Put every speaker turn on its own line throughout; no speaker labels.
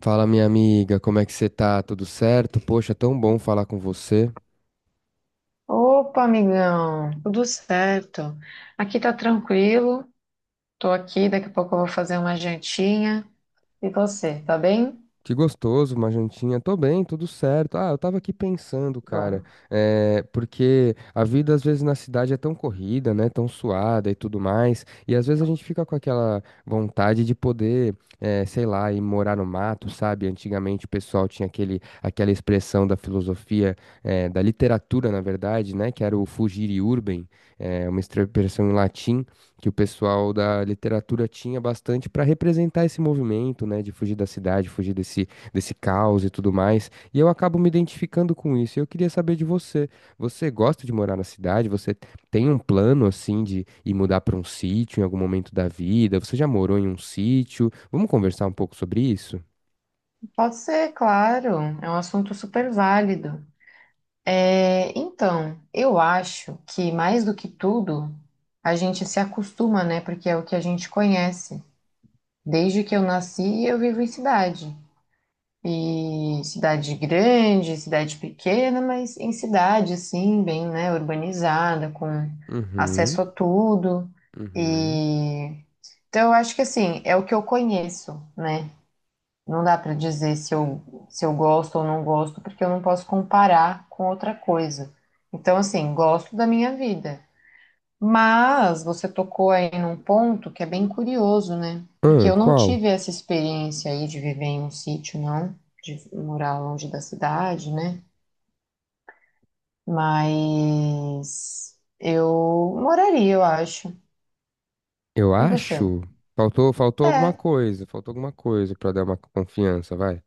Fala, minha amiga, como é que você tá? Tudo certo? Poxa, tão bom falar com você.
Opa, amigão, tudo certo? Aqui tá tranquilo, tô aqui, daqui a pouco eu vou fazer uma jantinha. E você, tá bem?
Que gostoso, uma jantinha. Tô bem, tudo certo. Ah, eu tava aqui pensando, cara,
Bom,
porque a vida às vezes na cidade é tão corrida, né? Tão suada e tudo mais. E às vezes a gente fica com aquela vontade de poder, sei lá, ir morar no mato, sabe? Antigamente o pessoal tinha aquela expressão da filosofia, da literatura, na verdade, né? Que era o fugire urbem, uma expressão em latim que o pessoal da literatura tinha bastante para representar esse movimento, né, de fugir da cidade, desse caos e tudo mais. E eu acabo me identificando com isso. Eu queria saber de você. Você gosta de morar na cidade? Você tem um plano assim de ir mudar para um sítio em algum momento da vida? Você já morou em um sítio? Vamos conversar um pouco sobre isso?
pode ser, claro, é um assunto super válido. É, então, eu acho que mais do que tudo, a gente se acostuma, né? Porque é o que a gente conhece. Desde que eu nasci, eu vivo em cidade. E cidade grande, cidade pequena, mas em cidade, assim, bem, né, urbanizada, com
Uhum,
acesso a tudo.
uhum.
E então eu acho que assim, é o que eu conheço, né? Não dá para dizer se eu gosto ou não gosto, porque eu não posso comparar com outra coisa. Então, assim, gosto da minha vida. Mas você tocou aí num ponto que é bem curioso, né? Porque
Ah,
eu não
qual?
tive essa experiência aí de viver em um sítio, não, de morar longe da cidade, né? Mas eu moraria, eu acho.
Eu
E você?
acho. Faltou alguma
É,
coisa, faltou alguma coisa para dar uma confiança, vai.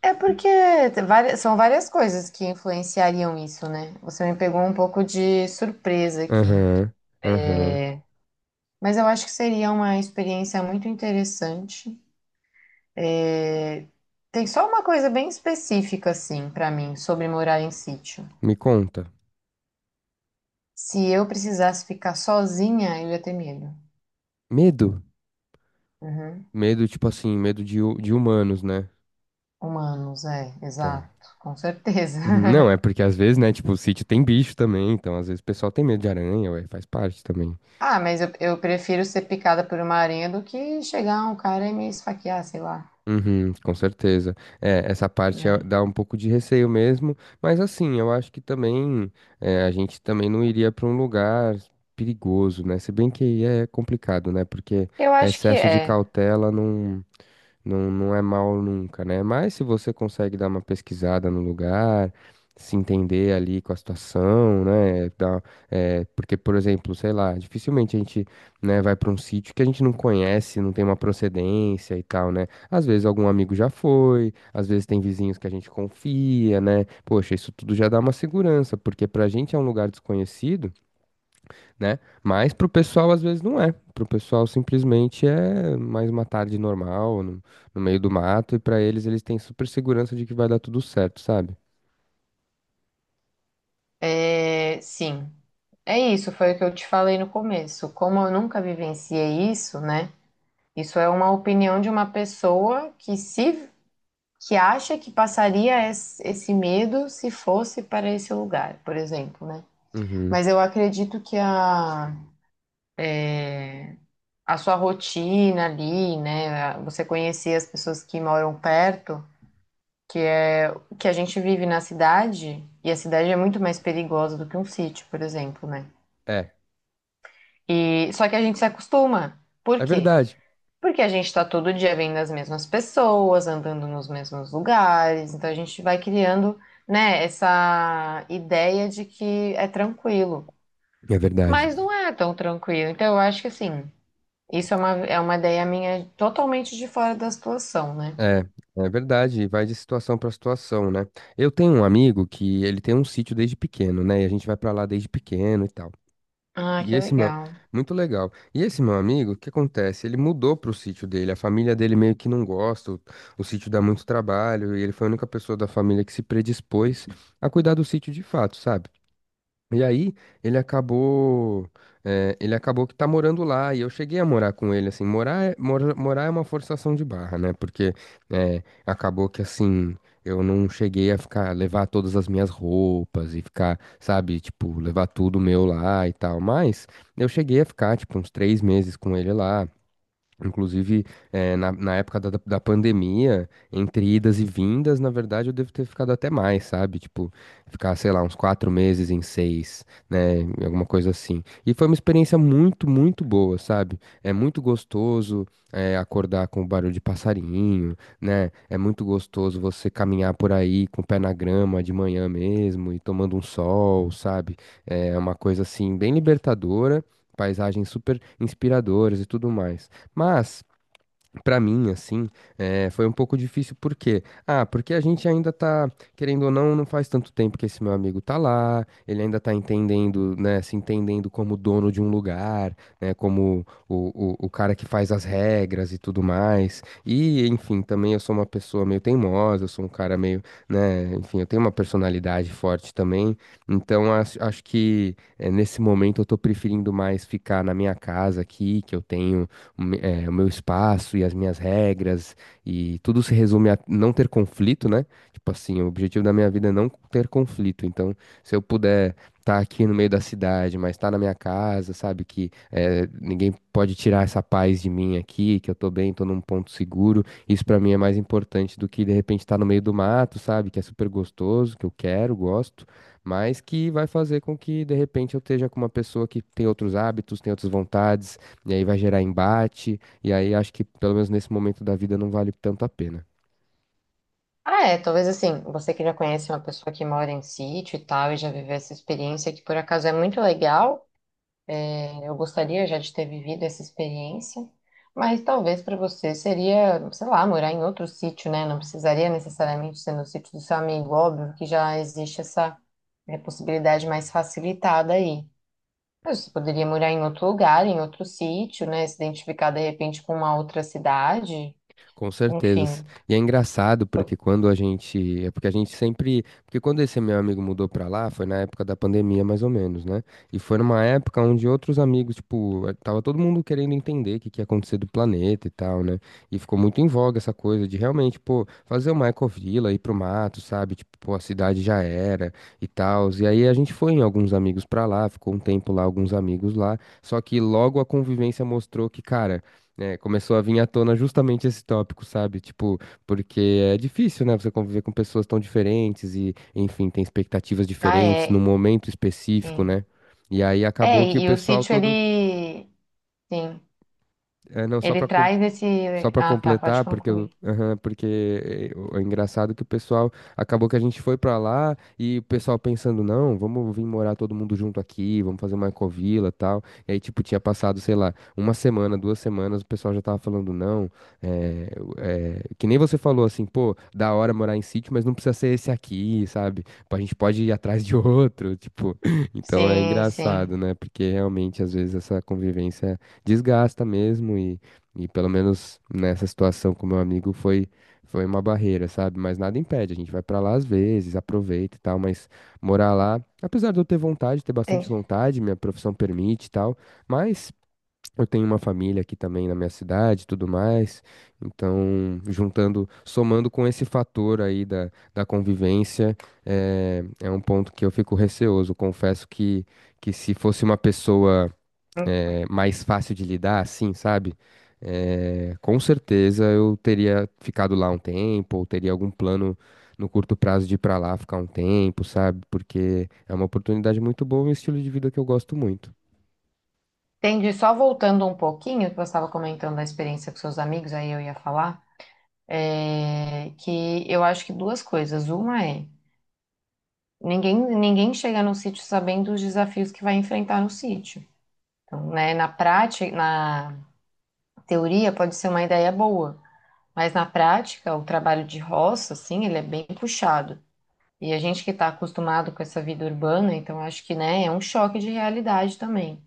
é porque são várias coisas que influenciariam isso, né? Você me pegou um pouco de surpresa aqui.
Aham, aham.
Mas eu acho que seria uma experiência muito interessante. Tem só uma coisa bem específica, assim, pra mim, sobre morar em sítio.
Me conta.
Se eu precisasse ficar sozinha, eu ia ter medo.
Medo?
Uhum.
Medo, tipo assim, de humanos, né?
Humanos, é,
Tá.
exato, com certeza.
Uhum, não, é porque às vezes, né, tipo, o sítio tem bicho também, então às vezes o pessoal tem medo de aranha, ué, faz parte também.
Ah, mas eu prefiro ser picada por uma aranha do que chegar um cara e me esfaquear, sei lá.
Uhum, com certeza.
Né?
Dá um pouco de receio mesmo, mas assim, eu acho que também a gente também não iria pra um lugar perigoso, né? Se bem que aí é complicado, né? Porque
Eu acho que
excesso de
é.
cautela não é mal nunca, né? Mas se você consegue dar uma pesquisada no lugar, se entender ali com a situação, né? Porque, por exemplo, sei lá, dificilmente a gente, né, vai para um sítio que a gente não conhece, não tem uma procedência e tal, né? Às vezes algum amigo já foi, às vezes tem vizinhos que a gente confia, né? Poxa, isso tudo já dá uma segurança, porque pra gente é um lugar desconhecido né? Mas pro pessoal às vezes não é. Pro pessoal simplesmente é mais uma tarde normal, no meio do mato, e pra eles têm super segurança de que vai dar tudo certo, sabe?
É, sim. É isso, foi o que eu te falei no começo. Como eu nunca vivenciei isso, né? Isso é uma opinião de uma pessoa que se que acha que passaria esse medo se fosse para esse lugar, por exemplo, né?
Uhum.
Mas eu acredito que a sua rotina ali, né? Você conhecer as pessoas que moram perto, que, que a gente vive na cidade, e a cidade é muito mais perigosa do que um sítio, por exemplo, né?
É,
E, só que a gente se acostuma. Por
é
quê?
verdade.
Porque a gente está todo dia vendo as mesmas pessoas, andando nos mesmos lugares, então a gente vai criando, né, essa ideia de que é tranquilo.
É verdade.
Mas não é tão tranquilo. Então eu acho que assim, isso é uma ideia minha totalmente de fora da situação, né?
É, é verdade, e vai de situação para situação, né? Eu tenho um amigo que ele tem um sítio desde pequeno, né? E a gente vai para lá desde pequeno e tal.
Ah,
E
que
esse meu,
legal.
Muito legal. E esse meu amigo, o que acontece? Ele mudou pro sítio dele. A família dele meio que não gosta. O sítio dá muito trabalho e ele foi a única pessoa da família que se predispôs a cuidar do sítio de fato, sabe? E aí, ele acabou, ele acabou que tá morando lá, e eu cheguei a morar com ele, assim, morar é uma forçação de barra, né, porque acabou que, assim, eu não cheguei a ficar, levar todas as minhas roupas e ficar, sabe, tipo, levar tudo meu lá e tal, mas eu cheguei a ficar, tipo, uns três meses com ele lá. Inclusive, na época da pandemia, entre idas e vindas, na verdade, eu devo ter ficado até mais, sabe? Tipo, ficar, sei lá, uns quatro meses em seis, né? Alguma coisa assim. E foi uma experiência muito, muito boa, sabe? É muito gostoso, acordar com o barulho de passarinho, né? É muito gostoso você caminhar por aí com o pé na grama de manhã mesmo e tomando um sol, sabe? É uma coisa assim, bem libertadora. Paisagens super inspiradoras e tudo mais. Mas, pra mim, assim, foi um pouco difícil, por quê? Ah, porque a gente ainda tá, querendo ou não, não faz tanto tempo que esse meu amigo tá lá, ele ainda tá entendendo, né, se entendendo como dono de um lugar, né, como o cara que faz as regras e tudo mais. E, enfim, também eu sou uma pessoa meio teimosa, eu sou um cara meio, né, enfim, eu tenho uma personalidade forte também, então acho que nesse momento eu tô preferindo mais ficar na minha casa aqui, que eu tenho o meu espaço e as minhas regras, e tudo se resume a não ter conflito, né? Tipo assim, o objetivo da minha vida é não ter conflito. Então, se eu puder estar aqui no meio da cidade, mas estar na minha casa, sabe? Que ninguém pode tirar essa paz de mim aqui, que eu tô bem, tô num ponto seguro. Isso pra mim é mais importante do que de repente estar no meio do mato, sabe? Que é super gostoso, que eu quero, gosto mas que vai fazer com que de repente eu esteja com uma pessoa que tem outros hábitos, tem outras vontades, e aí vai gerar embate, e aí acho que pelo menos nesse momento da vida não vale tanto a pena.
Ah, é, talvez assim, você que já conhece uma pessoa que mora em sítio e tal, e já viveu essa experiência que por acaso é muito legal. Eu gostaria já de ter vivido essa experiência, mas talvez para você seria, sei lá, morar em outro sítio, né? Não precisaria necessariamente ser no sítio do seu amigo, óbvio que já existe essa possibilidade mais facilitada aí. Mas você poderia morar em outro lugar, em outro sítio, né? Se identificar de repente com uma outra cidade,
Com certeza.
enfim.
E é engraçado porque quando a gente, é porque a gente sempre, porque quando esse meu amigo mudou pra lá, foi na época da pandemia mais ou menos, né? E foi numa época onde outros amigos, tipo, tava todo mundo querendo entender o que que ia acontecer do planeta e tal, né? E ficou muito em voga essa coisa de realmente, pô, fazer uma ecovila, ir pro mato, sabe? Tipo, pô, a cidade já era e tal. E aí a gente foi em alguns amigos pra lá, ficou um tempo lá, alguns amigos lá. Só que logo a convivência mostrou que, cara, é, começou a vir à tona justamente esse tópico, sabe? Tipo, porque é difícil, né? Você conviver com pessoas tão diferentes e, enfim, tem expectativas
Ah,
diferentes num
é,
momento específico,
sim.
né? E aí
É,
acabou que o
e o
pessoal
sítio
todo,
ele, sim,
é, não só
ele
para
traz esse.
só para
Ah, tá, pode
completar, porque,
concluir.
aham, porque é engraçado que o pessoal acabou que a gente foi para lá e o pessoal pensando, não, vamos vir morar todo mundo junto aqui, vamos fazer uma ecovila e tal. E aí, tipo, tinha passado, sei lá, uma semana, duas semanas, o pessoal já tava falando, não, que nem você falou assim, pô, da hora morar em sítio, mas não precisa ser esse aqui, sabe? Pô, a gente pode ir atrás de outro, tipo. Então é
Sim,
engraçado,
sim.
né? Porque realmente, às vezes, essa convivência desgasta mesmo e pelo menos nessa situação com meu amigo foi uma barreira, sabe? Mas nada impede, a gente vai pra lá às vezes, aproveita e tal, mas morar lá, apesar de eu ter vontade, ter bastante
Entendi.
vontade, minha profissão permite e tal, mas eu tenho uma família aqui também na minha cidade, e tudo mais. Então, juntando, somando com esse fator aí da convivência, é, é um ponto que eu fico receoso. Confesso que se fosse uma pessoa mais fácil de lidar, assim, sabe? É, com certeza eu teria ficado lá um tempo, ou teria algum plano no curto prazo de ir pra lá ficar um tempo, sabe? Porque é uma oportunidade muito boa e um estilo de vida que eu gosto muito.
Entendi. Só voltando um pouquinho, que você estava comentando da experiência com seus amigos, aí eu ia falar, é, que eu acho que duas coisas. Uma é, ninguém chega no sítio sabendo os desafios que vai enfrentar no sítio. Então, né, na prática, na teoria pode ser uma ideia boa, mas na prática, o trabalho de roça, assim, ele é bem puxado. E a gente que está acostumado com essa vida urbana, então acho que, né, é um choque de realidade também.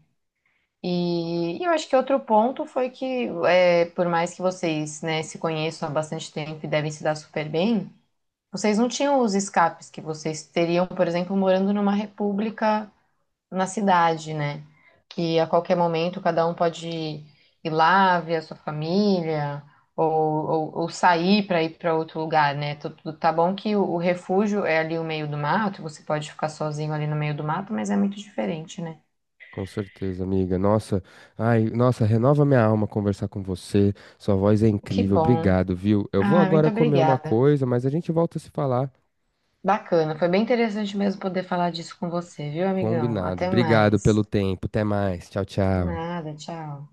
E eu acho que outro ponto foi que, é, por mais que vocês, né, se conheçam há bastante tempo e devem se dar super bem, vocês não tinham os escapes que vocês teriam, por exemplo, morando numa república na cidade, né? Que a qualquer momento cada um pode ir lá ver a sua família ou sair para ir para outro lugar, né? Tudo tá bom que o refúgio é ali no meio do mato, você pode ficar sozinho ali no meio do mato, mas é muito diferente, né?
Com certeza, amiga. Nossa, ai, nossa, renova minha alma conversar com você. Sua voz é
Que
incrível.
bom.
Obrigado, viu? Eu vou
Ah, muito
agora comer uma
obrigada.
coisa, mas a gente volta a se falar.
Bacana, foi bem interessante mesmo poder falar disso com você, viu, amigão?
Combinado.
Até
Obrigado
mais.
pelo tempo. Até mais. Tchau,
De
tchau.
nada, tchau.